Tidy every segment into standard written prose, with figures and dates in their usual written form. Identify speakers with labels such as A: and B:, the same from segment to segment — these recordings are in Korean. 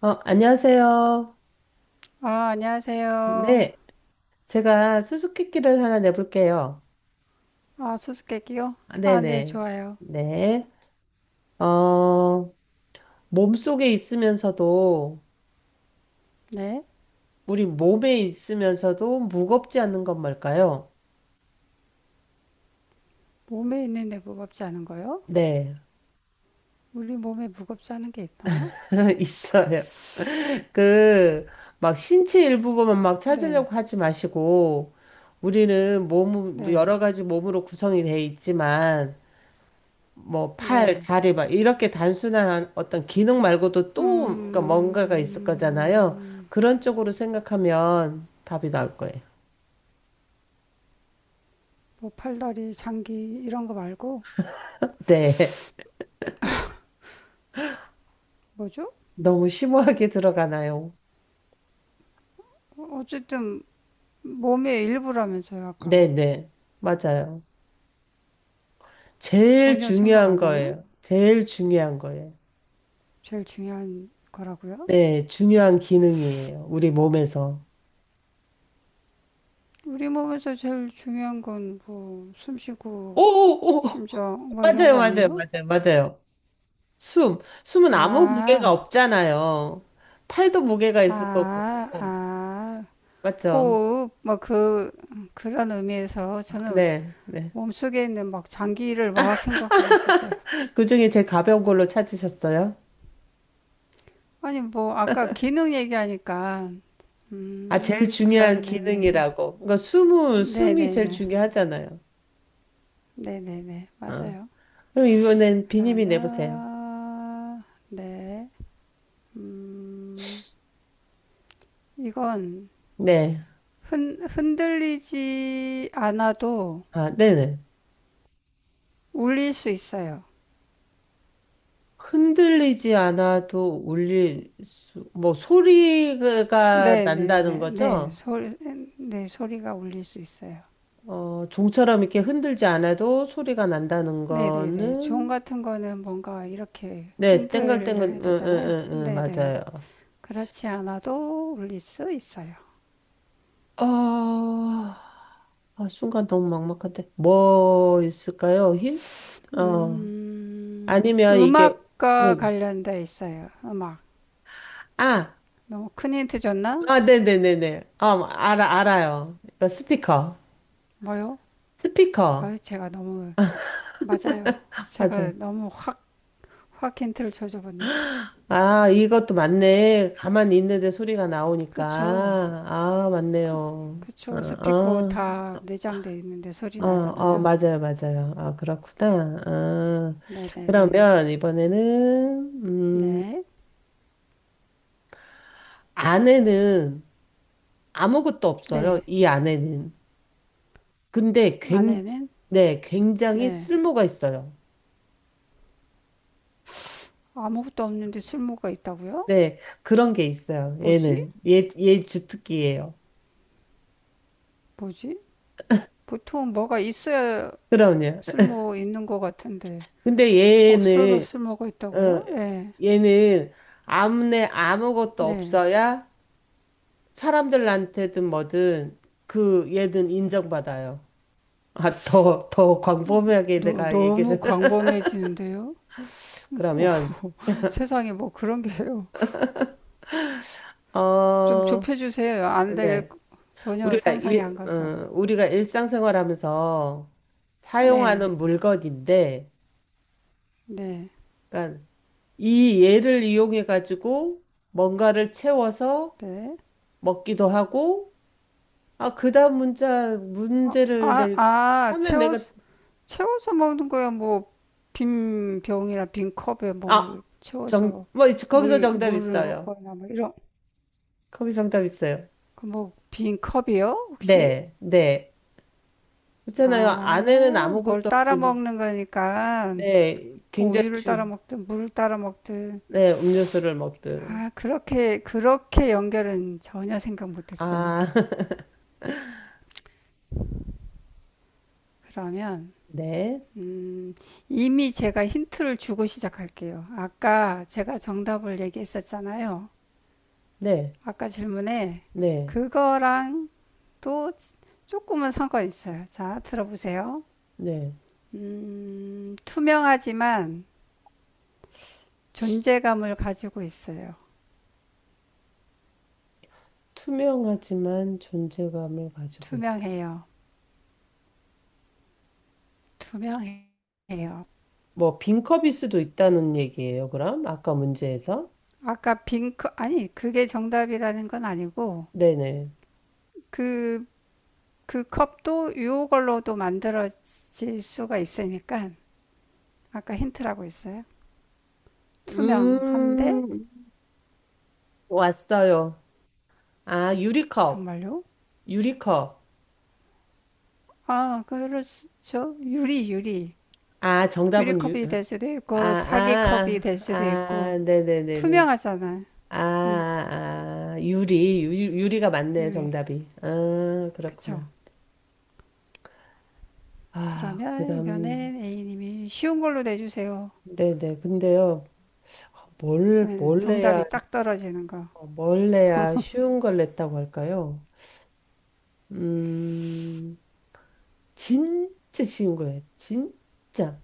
A: 안녕하세요.
B: 아, 안녕하세요.
A: 네, 제가 수수께끼를 하나 내볼게요.
B: 아, 수수께끼요?
A: 아,
B: 아, 네,
A: 네네.
B: 좋아요.
A: 네. 어, 몸속에 있으면서도,
B: 네.
A: 우리 몸에 있으면서도 무겁지 않는 건 뭘까요?
B: 몸에 있는데 무겁지 않은 거요?
A: 네,
B: 우리 몸에 무겁지 않은 게 있나?
A: 있어요. 그, 막 신체 일부분만 막
B: 네,
A: 찾으려고 하지 마시고, 우리는 몸,
B: 네,
A: 여러 가지 몸으로 구성이 돼 있지만, 뭐 팔,
B: 네.
A: 다리 막 이렇게 단순한 어떤 기능 말고도 또 그러니까 뭔가가 있을 거잖아요.
B: 음,
A: 그런 쪽으로 생각하면 답이 나올 거예요.
B: 뭐 팔다리, 장기 이런 거 말고
A: 네.
B: 뭐죠?
A: 너무 심오하게 들어가나요?
B: 어쨌든 몸의 일부라면서요, 아까.
A: 네네. 맞아요. 제일
B: 전혀 생각
A: 중요한
B: 안 나는?
A: 거예요. 제일 중요한 거예요.
B: 제일 중요한 거라고요?
A: 네, 중요한 기능이에요. 우리 몸에서.
B: 우리 몸에서 제일 중요한 건 뭐 숨 쉬고
A: 오오오.
B: 심장 뭐 이런 거
A: 맞아요, 맞아요,
B: 아니에요?
A: 맞아요, 맞아요. 숨. 숨은 아무 무게가
B: 아,
A: 없잖아요. 팔도 무게가 있을 거고.
B: 아, 아,
A: 맞죠?
B: 호흡, 그런 의미에서 저는
A: 네, 네.
B: 몸속에 있는 막 장기를 막 생각하고 있었어요.
A: 그중에 제일 가벼운 걸로 찾으셨어요?
B: 아니, 뭐, 아까 기능 얘기하니까,
A: 아, 제일 중요한
B: 그런 의미에서.
A: 기능이라고. 그러니까 숨은 숨이
B: 네네네.
A: 제일 중요하잖아요.
B: 네네네.
A: 아,
B: 맞아요.
A: 그럼 이번엔 비님이 내보세요.
B: 그러면, 네. 음, 이건
A: 네,
B: 흔들리지 않아도
A: 아, 네네.
B: 울릴 수 있어요.
A: 흔들리지 않아도 울릴 수, 뭐 소리가
B: 네, 네,
A: 난다는
B: 네, 네,
A: 거죠?
B: 소리, 네, 소리가 울릴 수 있어요.
A: 종처럼 이렇게 흔들지 않아도 소리가 난다는
B: 네, 네, 네. 종
A: 거는
B: 같은 거는 뭔가 이렇게
A: 네, 땡글땡글,
B: 흔들려야
A: 응, 응,
B: 되잖아요.
A: 응, 응,
B: 네, 네.
A: 맞아요.
B: 그렇지 않아도 울릴 수 있어요.
A: 아, 아, 순간 너무 막막한데. 뭐 있을까요? 힌? 어.
B: 음,
A: 아니면 이게,
B: 음악과
A: 네.
B: 관련돼 있어요. 음악.
A: 아,
B: 너무 큰 힌트 줬나?
A: 아, 네네네네. 알아요. 이거 스피커.
B: 뭐요?
A: 스피커.
B: 아, 제가 너무 맞아요.
A: 맞아.
B: 제가 너무 확, 확 힌트를 줘줘봤나?
A: 아, 이것도 맞네. 가만히 있는데 소리가 나오니까.
B: 그렇죠.
A: 아, 맞네요. 아,
B: 그렇죠. 스피커
A: 아,
B: 다 내장돼 있는데 소리
A: 아
B: 나잖아요.
A: 맞아요, 맞아요. 아, 그렇구나. 아,
B: 네, 네, 네.
A: 그러면 이번에는,
B: 네,
A: 아내는 아무것도 없어요,
B: 네.
A: 이 안에는. 근데 굉,
B: 아내는
A: 네, 굉장히
B: 네.
A: 쓸모가 있어요.
B: 아무것도 없는데 쓸모가 있다고요?
A: 네, 그런 게 있어요,
B: 뭐지?
A: 얘는. 얘 주특기예요.
B: 뭐지? 보통 뭐가 있어야
A: 그럼요.
B: 쓸모 있는 것 같은데
A: 근데
B: 없어도
A: 얘는,
B: 쓸모가
A: 어,
B: 있다고요? 네,
A: 얘는 아무네 아무것도
B: 네.
A: 없어야 사람들한테든 뭐든 그 얘는 인정받아요. 아, 더 광범위하게
B: 너,
A: 내가
B: 너무
A: 얘기를.
B: 광범해지는데요? 뭐
A: 그러면,
B: 세상에 뭐 그런 게요. 좀
A: 어,
B: 좁혀주세요. 안될
A: 네.
B: 전혀 상상이 안 가서.
A: 우리가 일상생활하면서
B: 네,
A: 사용하는 물건인데,
B: 네,
A: 그러니까 이 얘를 이용해 가지고 뭔가를 채워서
B: 네.
A: 먹기도 하고, 아, 그다음 문자
B: 아,
A: 문제를
B: 아,
A: 내,
B: 아,
A: 하면 내가
B: 채워서 채워서 먹는 거야. 뭐 빈 병이나 빈 컵에
A: 아,
B: 뭘 채워서
A: 뭐 거기서
B: 물
A: 정답
B: 물을
A: 있어요.
B: 먹거나 뭐 이런
A: 거기 정답 있어요.
B: 그 뭐빈 컵이요? 혹시?
A: 네, 네. 그렇잖아요. 안에는
B: 아, 뭘
A: 아무것도
B: 따라
A: 없지.
B: 먹는 거니까
A: 네,
B: 뭐
A: 굉장히
B: 우유를 따라
A: 주,
B: 먹든 물을 따라 먹든
A: 네, 음료수를 먹든.
B: 아, 그렇게 그렇게 연결은 전혀 생각 못 했어요.
A: 아,
B: 그러면
A: 네,
B: 음, 이미 제가 힌트를 주고 시작할게요. 아까 제가 정답을 얘기했었잖아요.
A: 네.
B: 아까 질문에
A: 네,
B: 그거랑 또 조금은 상관 있어요. 자, 들어보세요.
A: 네.
B: 투명하지만 존재감을 가지고 있어요.
A: 투명하지만 존재감을 가지고 있다.
B: 투명해요. 투명해요.
A: 뭐, 빈컵일 수도 있다는 얘기예요, 그럼? 아까 문제에서?
B: 아까 빈 컵... 아니, 그게 정답이라는 건 아니고,
A: 네네.
B: 그, 그 컵도 요걸로도 만들어질 수가 있으니까, 아까 힌트라고 했어요. 투명한데,
A: 음, 왔어요. 아, 유리컵.
B: 정말요?
A: 유리컵.
B: 아, 그렇죠. 유리, 유리.
A: 아, 정답은 유,
B: 유리컵이 될 수도
A: 아,
B: 있고, 사기컵이
A: 아,
B: 될
A: 아,
B: 수도 있고,
A: 아, 네네네네.
B: 투명하잖아.
A: 아, 아, 아, 유리가 맞네요,
B: 유일.
A: 정답이. 아,
B: 그쵸?
A: 그렇구나. 아, 그
B: 그러면
A: 다음,
B: 이번엔 A님이 쉬운 걸로 내주세요.
A: 네네. 근데요.
B: 네,
A: 뭘 해야
B: 정답이 딱 떨어지는 거.
A: 어, 뭘 내야 쉬운 걸 냈다고 할까요? 음, 진짜 쉬운 거예요. 진짜.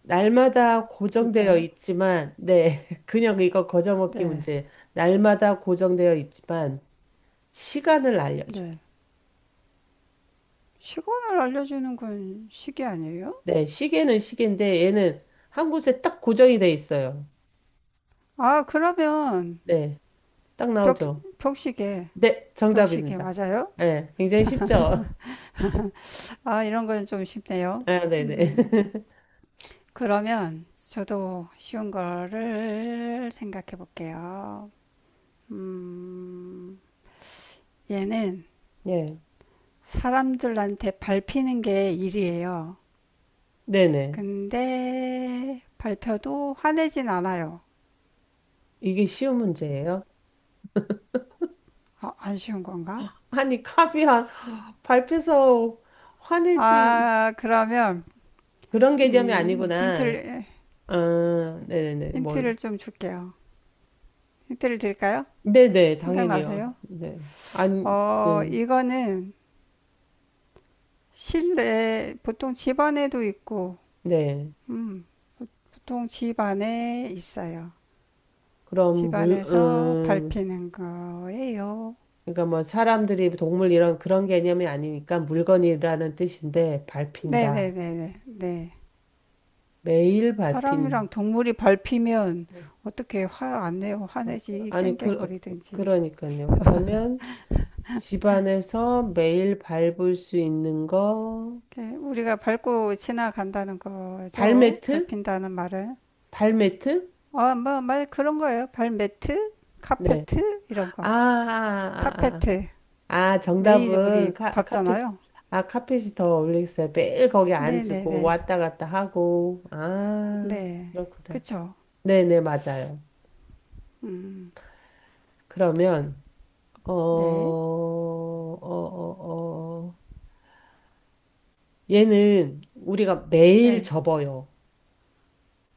A: 날마다 고정되어
B: 진짜요?
A: 있지만, 네, 그냥 이거 거저먹기
B: 네.
A: 문제. 날마다 고정되어 있지만, 시간을 알려줘요.
B: 네. 시간을 알려주는 건 시계 아니에요?
A: 네, 시계는 시계인데, 얘는 한 곳에 딱 고정이 돼 있어요.
B: 아, 그러면
A: 네, 딱
B: 벽,
A: 나오죠.
B: 벽시계.
A: 네,
B: 벽시계
A: 정답입니다.
B: 맞아요?
A: 네, 굉장히 쉽죠?
B: 아, 이런 건 좀 쉽네요.
A: 아, 네네.
B: 음, 그러면 저도 쉬운 거를 생각해 볼게요. 음, 얘는
A: 네,
B: 사람들한테 밟히는 게 일이에요.
A: 네네.
B: 근데 밟혀도 화내진 않아요.
A: 이게 쉬운 문제예요.
B: 아, 안 쉬운 건가?
A: 아니, 카이한 밟혀서 화내지.
B: 아, 그러면
A: 그런 개념이
B: 음,
A: 아니구나.
B: 힌트를
A: 아, 네네네. 뭐,
B: 힌트를 좀 줄게요. 힌트를 드릴까요?
A: 네네, 당연히요.
B: 생각나세요?
A: 네. 아니, 네.
B: 이거는 실내 보통 집 안에도 있고,
A: 네.
B: 음, 보통 집 안에 있어요.
A: 그럼
B: 집
A: 물,
B: 안에서
A: 음,
B: 밟히는 거예요.
A: 그러니까 뭐 사람들이 동물 이런 그런 개념이 아니니까 물건이라는 뜻인데 밟힌다.
B: 네네네네. 네.
A: 매일 밟힌.
B: 사람이랑 동물이 밟히면 어떻게 화 안 내요?
A: 어,
B: 화내지
A: 아니, 그,
B: 깽깽거리든지.
A: 그러니까요. 그러면 집 안에서 매일 밟을 수 있는 거,
B: 우리가 밟고 지나간다는 거죠.
A: 발매트?
B: 밟힌다는 말은.
A: 발매트?
B: 어, 뭐, 말 그런 거예요. 발매트,
A: 네.
B: 카페트 이런
A: 아,
B: 거.
A: 아, 아,
B: 카페트
A: 아.
B: 매일 우리
A: 카펫,
B: 밟잖아요.
A: 아, 카펫이 더 어울리겠어요. 매일 거기
B: 네네네.
A: 앉고
B: 네.
A: 왔다 갔다 하고.
B: 네.
A: 아,
B: 네.
A: 그렇구나.
B: 그쵸.
A: 네네, 맞아요.
B: 음.
A: 그러면, 어, 어,
B: 네.
A: 어, 어. 얘는 우리가 매일
B: 네.
A: 접어요.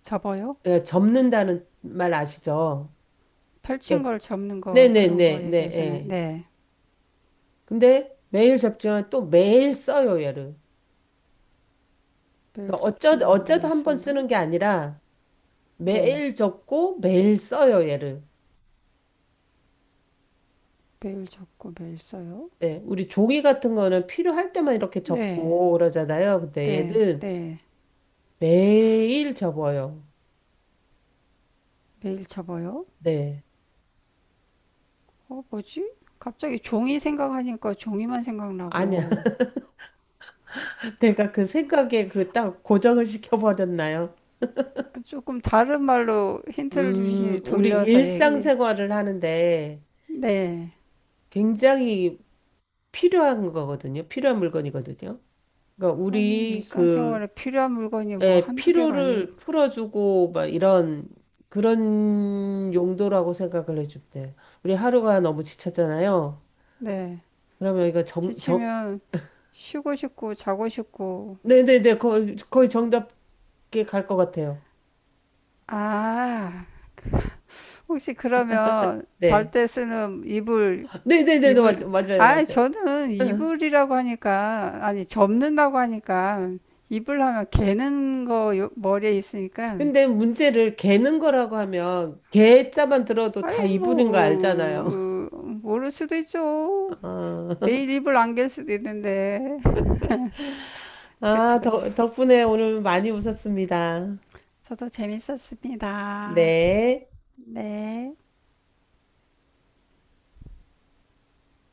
B: 접어요.
A: 예, 접는다는 말 아시죠? 예.
B: 펼친 걸 접는 거 그런 거
A: 네네네네,
B: 얘기하시는.
A: 예.
B: 네.
A: 근데 매일 접지만 또 매일 써요, 얘를.
B: 매일
A: 그러니까
B: 접지만
A: 어쩌다
B: 매일
A: 한 번
B: 쓴다.
A: 쓰는 게 아니라
B: 네.
A: 매일 접고 매일 써요, 얘를.
B: 매일 접고 매일 써요?
A: 네, 우리 종이 같은 거는 필요할 때만 이렇게
B: 네,
A: 접고 그러잖아요. 근데
B: 네,
A: 얘는
B: 네.
A: 매일 접어요.
B: 매일 접어요?
A: 네.
B: 뭐지? 갑자기 종이 생각하니까 종이만
A: 아니야.
B: 생각나고.
A: 내가 그 생각에 그 딱 고정을 시켜버렸나요?
B: 조금 다른 말로 힌트를 주시니
A: 우리
B: 돌려서 얘기.
A: 일상생활을 하는데
B: 네.
A: 굉장히 필요한 거거든요. 필요한 물건이거든요. 그러니까
B: 아니,
A: 우리 그
B: 일상생활에 필요한 물건이 뭐
A: 예,
B: 한두 개가 아닐,
A: 피로를 풀어주고 막 이런 그런 용도라고 생각을 해주면 돼요. 우리 하루가 너무 지쳤잖아요.
B: 네.
A: 그러면 이거 정,
B: 지치면 쉬고 싶고 자고 싶고.
A: 네네네, 거의 정답게 갈 것 같아요.
B: 아, 혹시 그러면 잘
A: 네.
B: 때 쓰는 이불
A: 네네네,
B: 이불,
A: 맞아요,
B: 아,
A: 맞아요.
B: 저는
A: 응.
B: 이불이라고 하니까, 아니, 접는다고 하니까, 이불 하면 개는 거 요- 머리에 있으니까,
A: 근데 문제를 개는 거라고 하면 개 자만 들어도 다
B: 아이,
A: 이분인 거 알잖아요.
B: 뭐, 모를 수도 있죠.
A: 아,
B: 매일 이불 안 갤 수도 있는데. 그쵸,
A: 아,
B: 그쵸.
A: 덕분에 오늘 많이 웃었습니다.
B: 저도 재밌었습니다.
A: 네.
B: 네.